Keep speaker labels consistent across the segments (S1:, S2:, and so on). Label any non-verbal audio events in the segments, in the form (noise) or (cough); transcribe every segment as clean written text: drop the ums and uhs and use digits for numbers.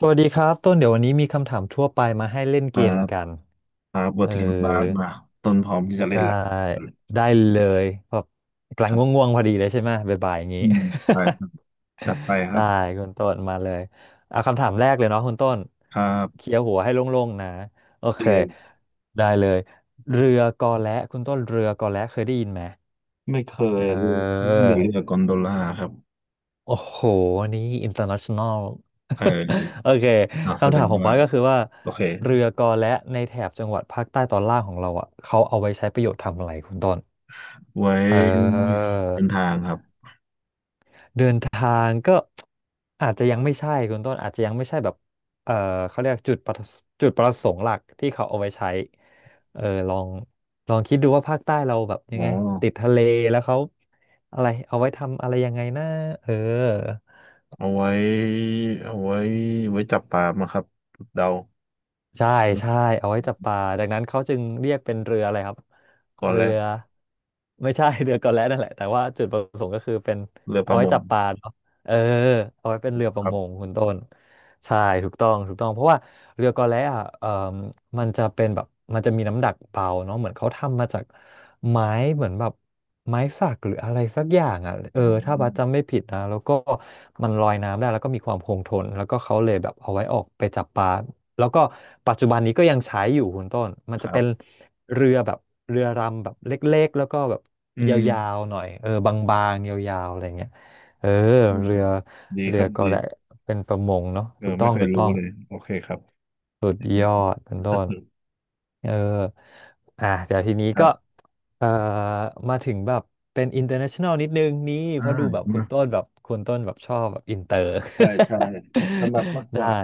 S1: สวัสดีครับต้นเดี๋ยววันนี้มีคำถามทั่วไปมาให้เล่นเกม
S2: แล้ว
S1: กัน
S2: ครับเวอ
S1: เอ
S2: ร์
S1: อ
S2: ติคัลบาร์มาต้นพร้อมที่จะเล่
S1: ได้
S2: นละื
S1: ได้เลยแบบกำลั
S2: ค
S1: ง
S2: รับ
S1: ง่วงๆพอดีเลยใช่ไหมบ่ายๆอย่างนี้
S2: อืมใช่ครับจัดไปค
S1: (laughs)
S2: รั
S1: ได้
S2: บ
S1: คุณต้นมาเลยเอาคำถามแรกเลยเนาะคุณต้น
S2: ครับ
S1: เคลียร์หัวให้โล่งๆนะโอเค
S2: เรียน
S1: ได้เลยเรือกอและคุณต้นเรือกอและเคยได้ยินไหม
S2: ไม่เคย
S1: เอ
S2: เรียนเรื
S1: อ
S2: องกอนโดล่าครับ
S1: โอ้โหอันนี้ international
S2: เอ
S1: (laughs) โอ
S2: อ
S1: เค
S2: แส
S1: คำ
S2: ด
S1: ถา
S2: ง
S1: มของ
S2: ว่า
S1: บ้าสก็คือว่า
S2: โอเค
S1: เรือกอและในแถบจังหวัดภาคใต้ตอนล่างของเราอ่ะเขาเอาไว้ใช้ประโยชน์ทำอะไรคุณต้น
S2: ไว้
S1: เออ
S2: เดินทางครับ
S1: เดินทางก็อาจจะยังไม่ใช่คุณต้นอาจจะยังไม่ใช่แบบเออเขาเรียกจุดประสงค์หลักที่เขาเอาไว้ใช้เออลองลองคิดดูว่าภาคใต้เราแบบยั
S2: อ๋
S1: ง
S2: อ
S1: ไงติดทะเลแล้วเขาอะไรเอาไว้ทำอะไรยังไงนะเออ
S2: เอาไว้เอาไว้ไว้จับปลามาครับเดา
S1: ใช่ใช่เอาไว้จับปลาดังนั้นเขาจึงเรียกเป็นเรืออะไรครับ
S2: ก่อน
S1: เรื
S2: แล้ว
S1: อไม่ใช่ (laughs) เรือกอแล่นั่นแหละแต่ว่าจุดประสงค์ก็คือเป็น
S2: เรือป
S1: เอา
S2: ระ
S1: ไว้
S2: มง
S1: จับปลาเนาะเออเอาไว้เป็นเรือป
S2: ค
S1: ระ
S2: รั
S1: มง
S2: บ
S1: คุณต้นใช่ถูกต้องเพราะว่าเรือกอแล่อะมันจะเป็นแบบมันจะมีน้ำหนักเบาเนาะเหมือนเขาทำมาจากไม้เหมือนแบบไม้สักหรืออะไรสักอย่างอ่ะเออ
S2: ผม
S1: ถ้าบัสจำไม่ผิดนะแล้วก็มันลอยน้ำได้แล้วก็มีความคงทนแล้วก็เขาเลยแบบเอาไว้ออกไปจับปลา แล้วก็ปัจจุบันนี้ก็ยังใช้อยู่คุณต้นมัน
S2: ค
S1: จะ
S2: รั
S1: เป็น
S2: บ
S1: เรือแบบเรือรำแบบเล็กๆแล้วก็แบบ
S2: อืม
S1: ยาวๆหน่อยบางๆยาวๆอะไรเงี้ยเออ
S2: อืม
S1: เรือ
S2: ดีค
S1: เรือ
S2: รับ
S1: ก็
S2: ดี
S1: แหละเป็นประมงเนาะ
S2: เอ
S1: ถู
S2: อ
S1: กต้
S2: ไม่
S1: อง
S2: เคยรู้เลยโอเคครับ
S1: สุดยอดคุณต้น
S2: (laughs)
S1: เอออ่ะเดี๋ยวทีนี้
S2: ครั
S1: ก็
S2: บ
S1: เอ่อมาถึงแบบเป็น international นิดนึงนี่
S2: อ่า
S1: เพราะดูแบบ
S2: เนอะ
S1: คุณต้นแบบชอบแบบอินเตอร์
S2: ใช่ใช่ถนัดมาก
S1: (laughs)
S2: กว่า
S1: ได้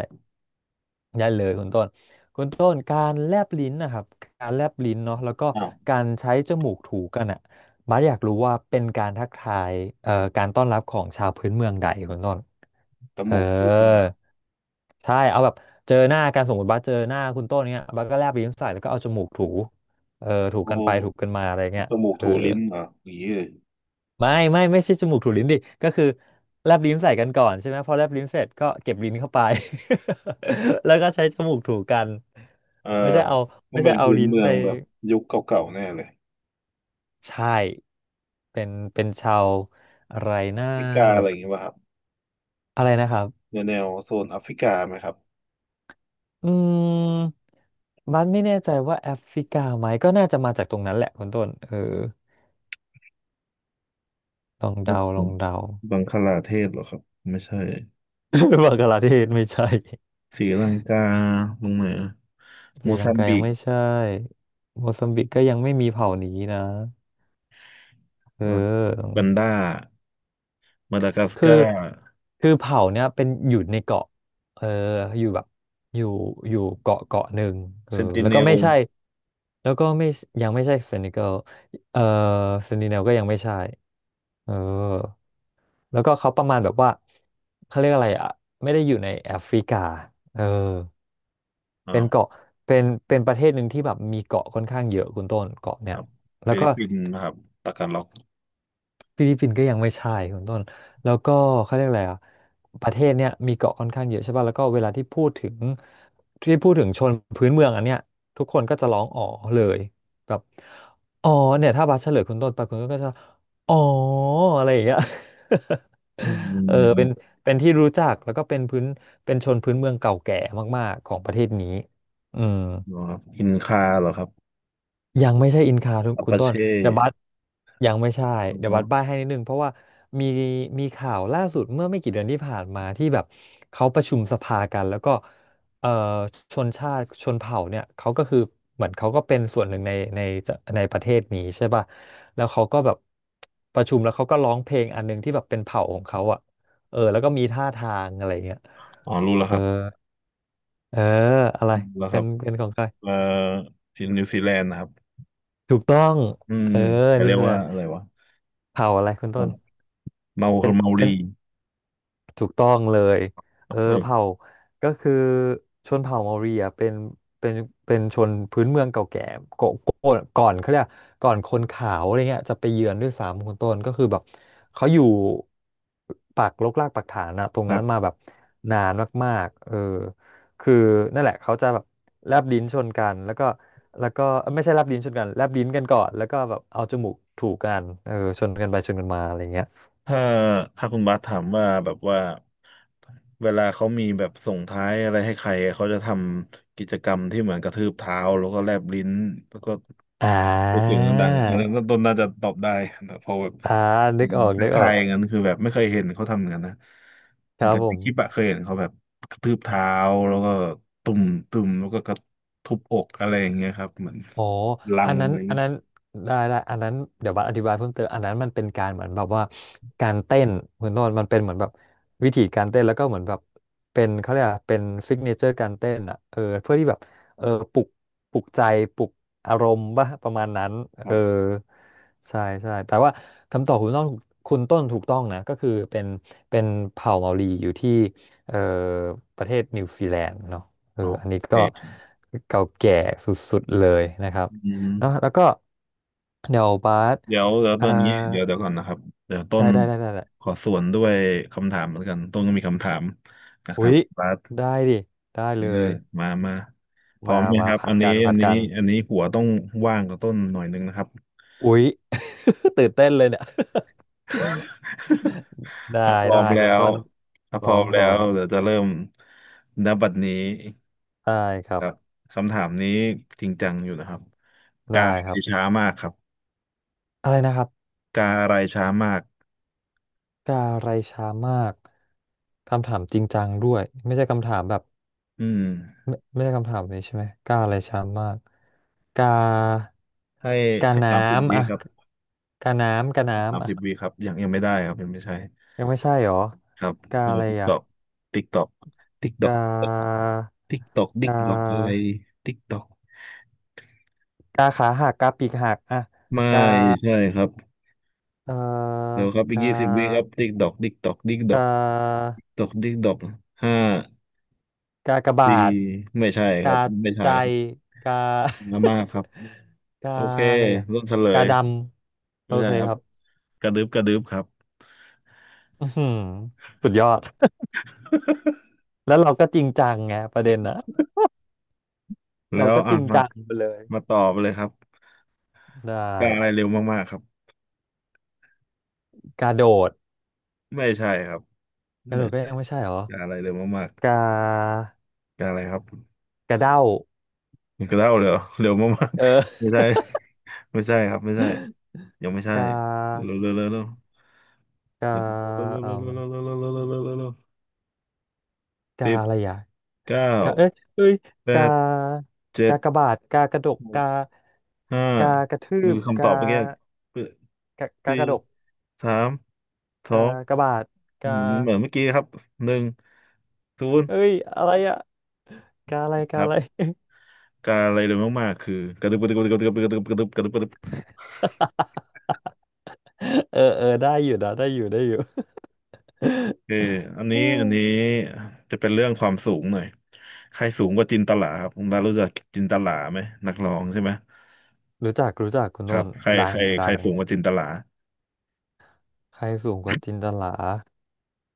S1: ได้เลยคุณต้นคุณต้นการแลบลิ้นนะครับการแลบลิ้นเนาะแล้วก็
S2: อ้าว
S1: การใช้จมูกถูกันอ่ะบาสอยากรู้ว่าเป็นการทักทายการต้อนรับของชาวพื้นเมืองใดคุณต้น
S2: จ
S1: เอ
S2: มูกถูกันเหร
S1: อ
S2: อ
S1: ใช่เอาแบบเจอหน้ากันสมมติบัสเจอหน้าคุณต้นเนี้ยบัสก็แลบลิ้นใส่แล้วก็เอาจมูกถูถู
S2: โอ้
S1: กันไปถูกันมาอะไรเงี้ย
S2: จมูก
S1: เออ
S2: ถูลิ้นเหรออย่างนี้เลย
S1: ไม่ใช่จมูกถูลิ้นดิก็คือแลบลิ้นใส่กันก่อนใช่ไหมพอแลบลิ้นเสร็จก็เก็บลิ้นเข้าไป (laughs) แล้วก็ใช้จมูกถูกัน
S2: เออ
S1: ไม่ใช่เอา
S2: ต้อ
S1: ไม่
S2: ง
S1: ใช่
S2: เป็น
S1: เอา
S2: พื้น
S1: ลิ้น
S2: เมือ
S1: ไป
S2: งแบบยุคเก่าๆแน่เลย
S1: ใช่เป็นชาวอะไร
S2: แอ
S1: นะ
S2: ฟริกา
S1: แบ
S2: อะไร
S1: บ
S2: อย่างงี้ป่ะครับ
S1: อะไรนะครับ
S2: แนวโซนแอฟริกาไหมครับ
S1: อืมบัสไม่แน่ใจว่าแอฟริกาไหมก็น่าจะมาจากตรงนั้นแหละคุณต้นลอง
S2: แบบ
S1: เดา
S2: บังคลาเทศเหรอครับไม่ใช่
S1: (laughs) บังกลาเทศไม่ใช่
S2: ศรีลังกาลงเหนือ
S1: (laughs) ศ
S2: โม
S1: รีลั
S2: ซั
S1: ง
S2: ม
S1: กา
S2: บิ
S1: ยัง
S2: ก
S1: ไม่ใช่โมซัมบิกก็ยังไม่มีเผ่านี้นะ เอ
S2: อ่า
S1: อ
S2: กันดามาดากัส
S1: คือ
S2: การ์
S1: คือเผ่าเนี่ยเป็นอยู่ในเกาะเอออยู่แบบอยู่อยู่เกาะหนึ่งเออ
S2: เซนติ
S1: แล้ว
S2: เน
S1: ก็
S2: ล
S1: ไม่ใช่แล้วก็ไม่ยังไม่ใช่เซนิเกลเออเซนิเนลก็ยังไม่ใช่เออแล้วก็เขาประมาณแบบว่าเขาเรียกอะไรอ่ะไม่ได้อยู่ในแอฟริกาเออ
S2: อ่า
S1: เป็น
S2: ว
S1: เกาะเป็นประเทศหนึ่งที่แบบมีเกาะค่อนข้างเยอะคุณต้นเกาะ
S2: ค
S1: เนี่ย
S2: รับ
S1: แล้ว
S2: ฟิลิ
S1: ก็
S2: ปปินส์นะครับตากันล็อก
S1: ฟิลิปปินส์ก็ยังไม่ใช่คุณต้นแล้วก็เขาเรียกอะไรอ่ะประเทศเนี้ยมีเกาะค่อนข้างเยอะใช่ป่ะแล้วก็เวลาที่พูดถึงชนพื้นเมืองอันเนี้ยทุกคนก็จะร้องอ๋อเลยแบบอ๋อเนี่ยถ้าบัสเฉลยคุณต้นไปคุณก็จะอ๋ออะไรอย่างเงี้ย (laughs)
S2: อื
S1: เป็น
S2: ม
S1: ที่รู้จักแล้วก็เป็นพื้นเป็นชนพื้นเมืองเก่าแก่มากๆของประเทศนี้อืม
S2: เหรอครับอินคาเหรอครับ
S1: ยังไม่ใช่อินคาทุก
S2: อัป
S1: คุณ
S2: ปา
S1: ต้น
S2: เช่
S1: เดอะบัสยังไม่ใช่เดอะ
S2: อ๋อ
S1: บัสบ้ายให้นิดนึงเพราะว่ามีข่าวล่าสุดเมื่อไม่กี่เดือนที่ผ่านมาที่แบบเขาประชุมสภากันแล้วก็เอ่อชนชาติชนเผ่าเนี่ยเขาก็คือเหมือนเขาก็เป็นส่วนหนึ่งในในประเทศนี้ใช่ป่ะแล้วเขาก็แบบประชุมแล้วเขาก็ร้องเพลงอันหนึงที่แบบเป็นเผ่าของเขาอ่ะแล้วก็มีท่าทางอะไรเงี้ย
S2: อ๋อรู้แล้ว
S1: เอ
S2: ค
S1: อ
S2: รับ
S1: เอออะไร
S2: รู้แล้วค
S1: เป็
S2: รั
S1: น
S2: บ
S1: ของใคร
S2: เอ่อที่นิวซีแลนด์นะครับ
S1: ถูกต้อง
S2: อืม
S1: เออ
S2: เขา
S1: นี่
S2: เรียก
S1: แห
S2: ว่า
S1: ละ
S2: อะไรวะ
S1: เผ่าอะไรคุณต้น
S2: เมาคือเมา
S1: เป็น
S2: รี
S1: ถูกต้องเลยเออเผ่า
S2: เออ
S1: ก็คือชนเผ่าเมารีอ่ะเป็นเป็นเป็นชนพื้นเมืองเก่าแก่ก่อนก่อนเขาเรียกก่อนคนขาวอะไรเงี้ยจะไปเยือนด้วยซ้ำคุณต้นก็คือแบบเขาอยู่ปักรกรากปักฐานอะตรง
S2: ครั
S1: นั้นมา
S2: บ
S1: แบบนานมากๆเออคือนั่นแหละเขาจะแบบแลบลิ้นชนกันแล้วก็แล้วก็เอ้ยไม่ใช่แลบลิ้นชนกันแลบลิ้นกันก่อนแล้วก็แบบเอาจมูกถูกกันเออชนกันไปชนกันมาอะไรเงี้ย
S2: ถ้าถ้าคุณบาสถามว่าแบบว่าเวลาเขามีแบบส่งท้ายอะไรให้ใครเขาจะทำกิจกรรมที่เหมือนกระทืบเท้าแล้วก็แลบลิ้นแล้วก็
S1: อ่
S2: รู้เสี
S1: า
S2: ยงดังๆอ่ะอันนั้นต้นน่าจะตอบได้แต่พอแบบ
S1: อ่านึกออก
S2: ทั
S1: นึ
S2: ก
S1: กอ
S2: ทา
S1: อ
S2: ย
S1: ก
S2: อย่างนั้นคือแบบไม่เคยเห็นเขาทำอย่างนั้นนะ
S1: ครับ
S2: แต่
S1: ผ
S2: ใน
S1: ม
S2: คลิปอะเคยเห็นเขาแบบกระทืบเท้าแล้วก็ตุ่ม ตุ่ม แล้วก็กระทุบอกอะไรอย่างเงี้ยครับเหมือน
S1: อ๋อ
S2: ลั
S1: อั
S2: ง
S1: น
S2: อะ
S1: นั้น
S2: ไร
S1: อั
S2: นี
S1: น
S2: ย
S1: นั้นได้ได้อันนั้นเดี๋ยวบัสอธิบายเพิ่มเติมอันนั้นมันเป็นการเหมือนแบบว่าการเต้นคุณโนนมันเป็นเหมือนแบบวิธีการเต้นแล้วก็เหมือนแบบเป็นเขาเรียกอะไรเป็นซิกเนเจอร์การเต้นอ่ะเออเพื่อที่แบบเออปลุกปลุกใจปลุกอารมณ์ป่ะประมาณนั้นเอ
S2: ครั
S1: อ
S2: บ
S1: ใช่ใช่แต่ว่าคำตอบคุณต้นคุณต้นถูกต้องนะก็คือเป็นเป็นเผ่าเมารีอยู่ที่เออประเทศนิวซีแลนด์เนาะเออ
S2: อ๋อ
S1: อันนี้ก็
S2: เด็ก
S1: เก่าแก่สุดๆเลยนะครับ
S2: อืม
S1: เนอะแล้วก็เดี๋ยวบาส
S2: เดี๋ยวต
S1: อ่า
S2: อนนี้เดี๋ยวก่อนนะครับ เดี๋ยวต้
S1: ได้
S2: น
S1: ได้ได้ได้ได้
S2: ขอสวนด้วยคำถามเหมือนกัน ต้นก็มีคำถามอยาก
S1: อุ๊
S2: ถาม
S1: ย
S2: บาส
S1: ได้ดิได้
S2: เอ
S1: เล
S2: อ
S1: ย
S2: มามา พร้อ
S1: มา
S2: มไหม
S1: มา
S2: ครับ
S1: ผั
S2: อั
S1: ด
S2: นนี้
S1: กัน
S2: อั
S1: ผั
S2: น
S1: ด
S2: นี้
S1: กัน
S2: อันนี้หัวต้องว่างกับต้นหน่อยนึงนะครับ
S1: อุ๊ย (laughs) ตื่นเต้นเลยเนี่ย
S2: (laughs)
S1: (laughs) ได้
S2: ถ้าพร้อ
S1: ได้
S2: มแล้
S1: คุณ
S2: ว
S1: ต้น
S2: ถ้า
S1: พ
S2: พ
S1: ร้อ
S2: ร้อ
S1: ม
S2: ม
S1: พ
S2: แล้
S1: ร้อ
S2: ว
S1: ม
S2: เดี๋ยวจะเริ่มณบัดนี้
S1: ได้ค
S2: ค
S1: รั
S2: รับ
S1: บ
S2: คำถามนี้จริงจังอยู่นะครับ กา
S1: ได้
S2: อะ
S1: ค
S2: ไร
S1: รับ
S2: ช้ามากครับ
S1: อะไรนะครับ
S2: กาอะไรช้ามาก
S1: กาไรช้ามากคำถามจริงจังด้วยไม่ใช่คำถามแบบ
S2: อืม
S1: ไม่ไม่ใช่คำถามนี้ใช่ไหมกาอะไรช้ำมากกา
S2: ให้
S1: กา
S2: ให้
S1: น้
S2: สามสิบ
S1: ำ
S2: วิ
S1: อ่ะ
S2: ครับ
S1: กาน้ำกา
S2: สาม
S1: น้ำอ่ะ
S2: สิบวิครับยังยังไม่ได้ครับยังไม่ใช่
S1: ยังไม่ใช่หรอ
S2: ครับ
S1: กาอะ
S2: เดี๋ย
S1: ไร
S2: วติ๊กต
S1: อ่ะ
S2: อกติ๊กตอกติ๊กตอก
S1: กา
S2: ติ๊กตอกดิ๊ก
S1: กา
S2: ตอกอะไรติ๊กตอก
S1: กาขาหักกาปีกหักอ่ะ
S2: ไม่ใช่ครับ
S1: เอ่อ
S2: เดี๋ยวครับ
S1: ก
S2: อีก20 วิครับ
S1: า
S2: ติ๊กดอกติ๊กดอกติ๊กด
S1: ก
S2: อก
S1: า
S2: ติ๊กดอกติ๊กดอกห้า
S1: กากบา
S2: สี่
S1: ท
S2: ไม่ใช่ค
S1: กา
S2: รับไม่ใช่
S1: ใจ
S2: ครับ
S1: กา
S2: มามากครับ
S1: (laughs) กา
S2: โอเค
S1: อะไรอ่ะ
S2: รุ่นเฉล
S1: กา
S2: ย
S1: ดำโอ
S2: ไม่ใช่
S1: เค
S2: ครั
S1: ค
S2: บ
S1: รับ
S2: กระดึบกระดึบครับ
S1: อือหือสุดยอด แล้วเราก็จริงจังไงประเด็นนะ (laughs)
S2: (laughs) แล้
S1: เรา
S2: ว
S1: ก็จ
S2: อ่ะ
S1: ริง
S2: มา
S1: จังไปเลย
S2: มาตอบเลยครับ
S1: ได้
S2: กาอะไรเร็วมากๆครับ
S1: กระโดด
S2: ไม่ใช่ครับ
S1: กระโด
S2: ไม่
S1: ดก็
S2: ใช่
S1: ยังไม่ใช่เหรอ
S2: กาอะไรเร็วมาก
S1: กา
S2: ๆกาอะไรครับ
S1: กระเด้า
S2: แด้วเลย (laughs) เหรอเร็วมาก
S1: เอ
S2: ๆ (laughs) ไม่
S1: อ
S2: ใช่ (laughs) ไม่ใช่ครับไม่ใช่
S1: (laughs)
S2: ยังไม่ใช่
S1: กา
S2: เร็วเร็วเร็วเร็วเร็ว
S1: กา
S2: เร็วเร็ว
S1: เอ่
S2: เร็ว
S1: ม
S2: เร็วเร็วเร็วเร็วเร็วเร็วเร็วเร็ว
S1: กา
S2: สิบ
S1: อะไรอ่ะ
S2: เก้า
S1: กาเอ้ยเอ้ย
S2: แป
S1: กา
S2: ดเจ็
S1: กา
S2: ด
S1: กระบาดกากระดก
S2: หก
S1: กา
S2: ห้า
S1: กากระทื
S2: มัน
S1: บ
S2: คือคำตอบ
S1: กา
S2: เมื่อกี้
S1: กากา
S2: สี่
S1: กระดก
S2: สามสอ
S1: กา
S2: ง
S1: กระบาดกา
S2: เหมือนเหมือนเมื่อกี้ครับหนึ่งศูนย์
S1: เอ้ยอะไรอ่ะกาอะไร
S2: ค
S1: กา
S2: รั
S1: อะไร
S2: บการอะไรเร็วมากๆคือกระดึบกระดึบกระดึบกระดึบกระดึบกระดึบกระดึบ
S1: (laughs) เออเออได้อยู่นะได้อยู่ได้อยู่
S2: เอออันนี้
S1: (laughs)
S2: อันนี้จะเป็นเรื่องความสูงหน่อย ใครสูงกว่าจินตลาครับคุณบาสรู้จักจินตลาไหมนักร้องใช่ไหม
S1: รู้จักรู้จักคุณ
S2: ครั
S1: ต้
S2: บ
S1: น
S2: ใคร
S1: ดั
S2: ใค
S1: ง
S2: รใคร
S1: ดัง
S2: สูงกว่าจินตลา
S1: ใครสูงกว่าจินตลา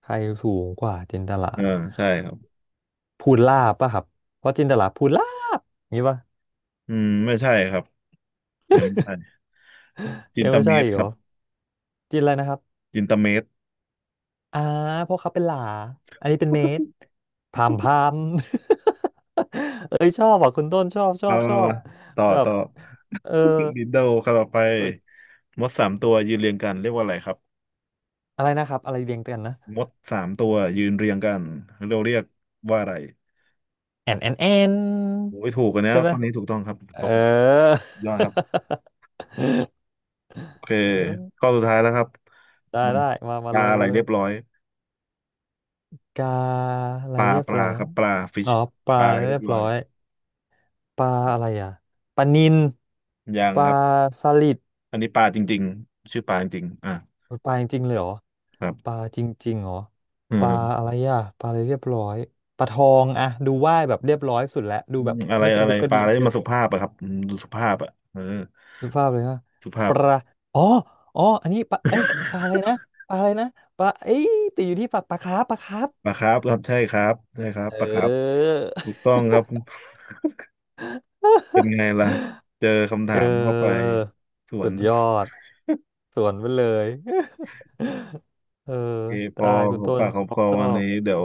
S1: ใครสูงกว่าจินตลา
S2: เออใช่ครับ
S1: พูนลาบป่ะครับเพราะจินตลาพูนลาบอย่างงี้ป่ะ
S2: อืมไม่ใช่ครับยังไม่ใช่จิน
S1: ยัง
S2: ต
S1: ไม่
S2: เม
S1: ใช่
S2: ตร
S1: อีก
S2: ค
S1: เหร
S2: รั
S1: อ
S2: บ
S1: จินอะไรนะครับ
S2: จินตเมตร
S1: อ่าเพราะเขาเป็นหลาอันนี้เป็นเมตรพามพาม (laughs) เอ้ยชอบอ่ะคุณต้นชอบชอ
S2: มา
S1: บ
S2: มา
S1: ชอบ
S2: มาต่อ
S1: แบบ
S2: ต่อ
S1: เออ
S2: (laughs) ดินโดครับต่อไปมดสามตัวยืนเรียงกันเรียกว่าอะไรครับ
S1: อะไรนะครับอะไรเรียงกันนะ
S2: มดสามตัวยืนเรียงกันเราเรียกว่าอะไร
S1: แอนแอนแอน
S2: โอ้ยถูกกันนะ
S1: ใช่ไหม
S2: ข้อนี้ถูกต้องครับ
S1: เออ
S2: ตบ
S1: (laughs)
S2: ยอดครับ โอเค
S1: เอ
S2: ข้อ
S1: อ
S2: สุดท้ายแล้วครับ
S1: ได้
S2: มัน
S1: ได้มา
S2: ป
S1: มาเล
S2: ลา
S1: ย
S2: อะไร
S1: มาเล
S2: เรี
S1: ย
S2: ยบร้อย
S1: กาอะไร
S2: ปลา
S1: เรียบ
S2: ปลา
S1: ร้อ
S2: ค
S1: ย
S2: รับปลาฟิช
S1: อ๋อป
S2: ป
S1: ลา
S2: ลาอะไรเรี
S1: เรี
S2: ยบ
S1: ยบ
S2: ร้อ
S1: ร้
S2: ย
S1: อยปลาอะไรอ่ะปลานิล
S2: ยัง
S1: ปลา
S2: ครับ
S1: สลิด
S2: อันนี้ปลาจริงๆชื่อปลาจริงๆอ่ะ
S1: โอ้ยปลาจริงๆเลยเหรอ
S2: ครั
S1: ปลา
S2: บ
S1: จริงๆเหรอ
S2: อื
S1: ปลา
S2: ม
S1: อะไรอ่ะปลาอะไรเรียบร้อยปลาทองอะดูว่ายแบบเรียบร้อยสุดแล้วดูแบบ
S2: อะไร
S1: ไม่ก
S2: อะ
S1: ระ
S2: ไร
S1: ดุกกระ
S2: ป
S1: ดิ
S2: ลา
S1: ก
S2: อะไร
S1: เยอะ
S2: มาสุภาพอะครับอืมดูสุภาพอะเออ
S1: ดูภาพเลยว่า
S2: สุภา
S1: ป
S2: พ
S1: ลาอ๋ออ๋ออันนี้ปลาเอ้ยปลาอะไรนะปลาอะไรนะปลาเอ้ยติดอยู่ที่ปลาปลาคาร์ปปลาคาร์ป
S2: ปลาครับครับใช่ครับใช่ครับ
S1: เอ
S2: ปลาครับ
S1: อ
S2: ถูกต้องครับ (laughs)
S1: (laughs)
S2: เป็นไงล่ะเจอคำถา
S1: เอ
S2: มเข้าไป
S1: อ
S2: สว
S1: สุ
S2: น
S1: ดยอดสวนไปเลย (laughs) เออ
S2: โอเคพ
S1: ได้
S2: อ
S1: คุ
S2: ข
S1: ณ
S2: อง
S1: ต้น
S2: ปากข
S1: ช
S2: อง
S1: อ
S2: ค
S1: บ
S2: อ
S1: ชอ
S2: วัน
S1: บ
S2: นี้เดี๋ยว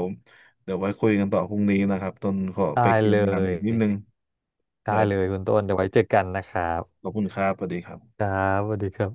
S2: เดี๋ยวไว้คุยกันต่อพรุ่งนี้นะครับตนขอ
S1: ได้
S2: ไปเคลีย
S1: เล
S2: ร์งานอีกนิดนึง
S1: ยได้
S2: ได้
S1: เลยคุณต้นเดี๋ยวไว้เจอกันนะครั
S2: ข
S1: บ
S2: อบคุณครับสวัสดีครั
S1: ค
S2: บ
S1: รับสวัสดีครับ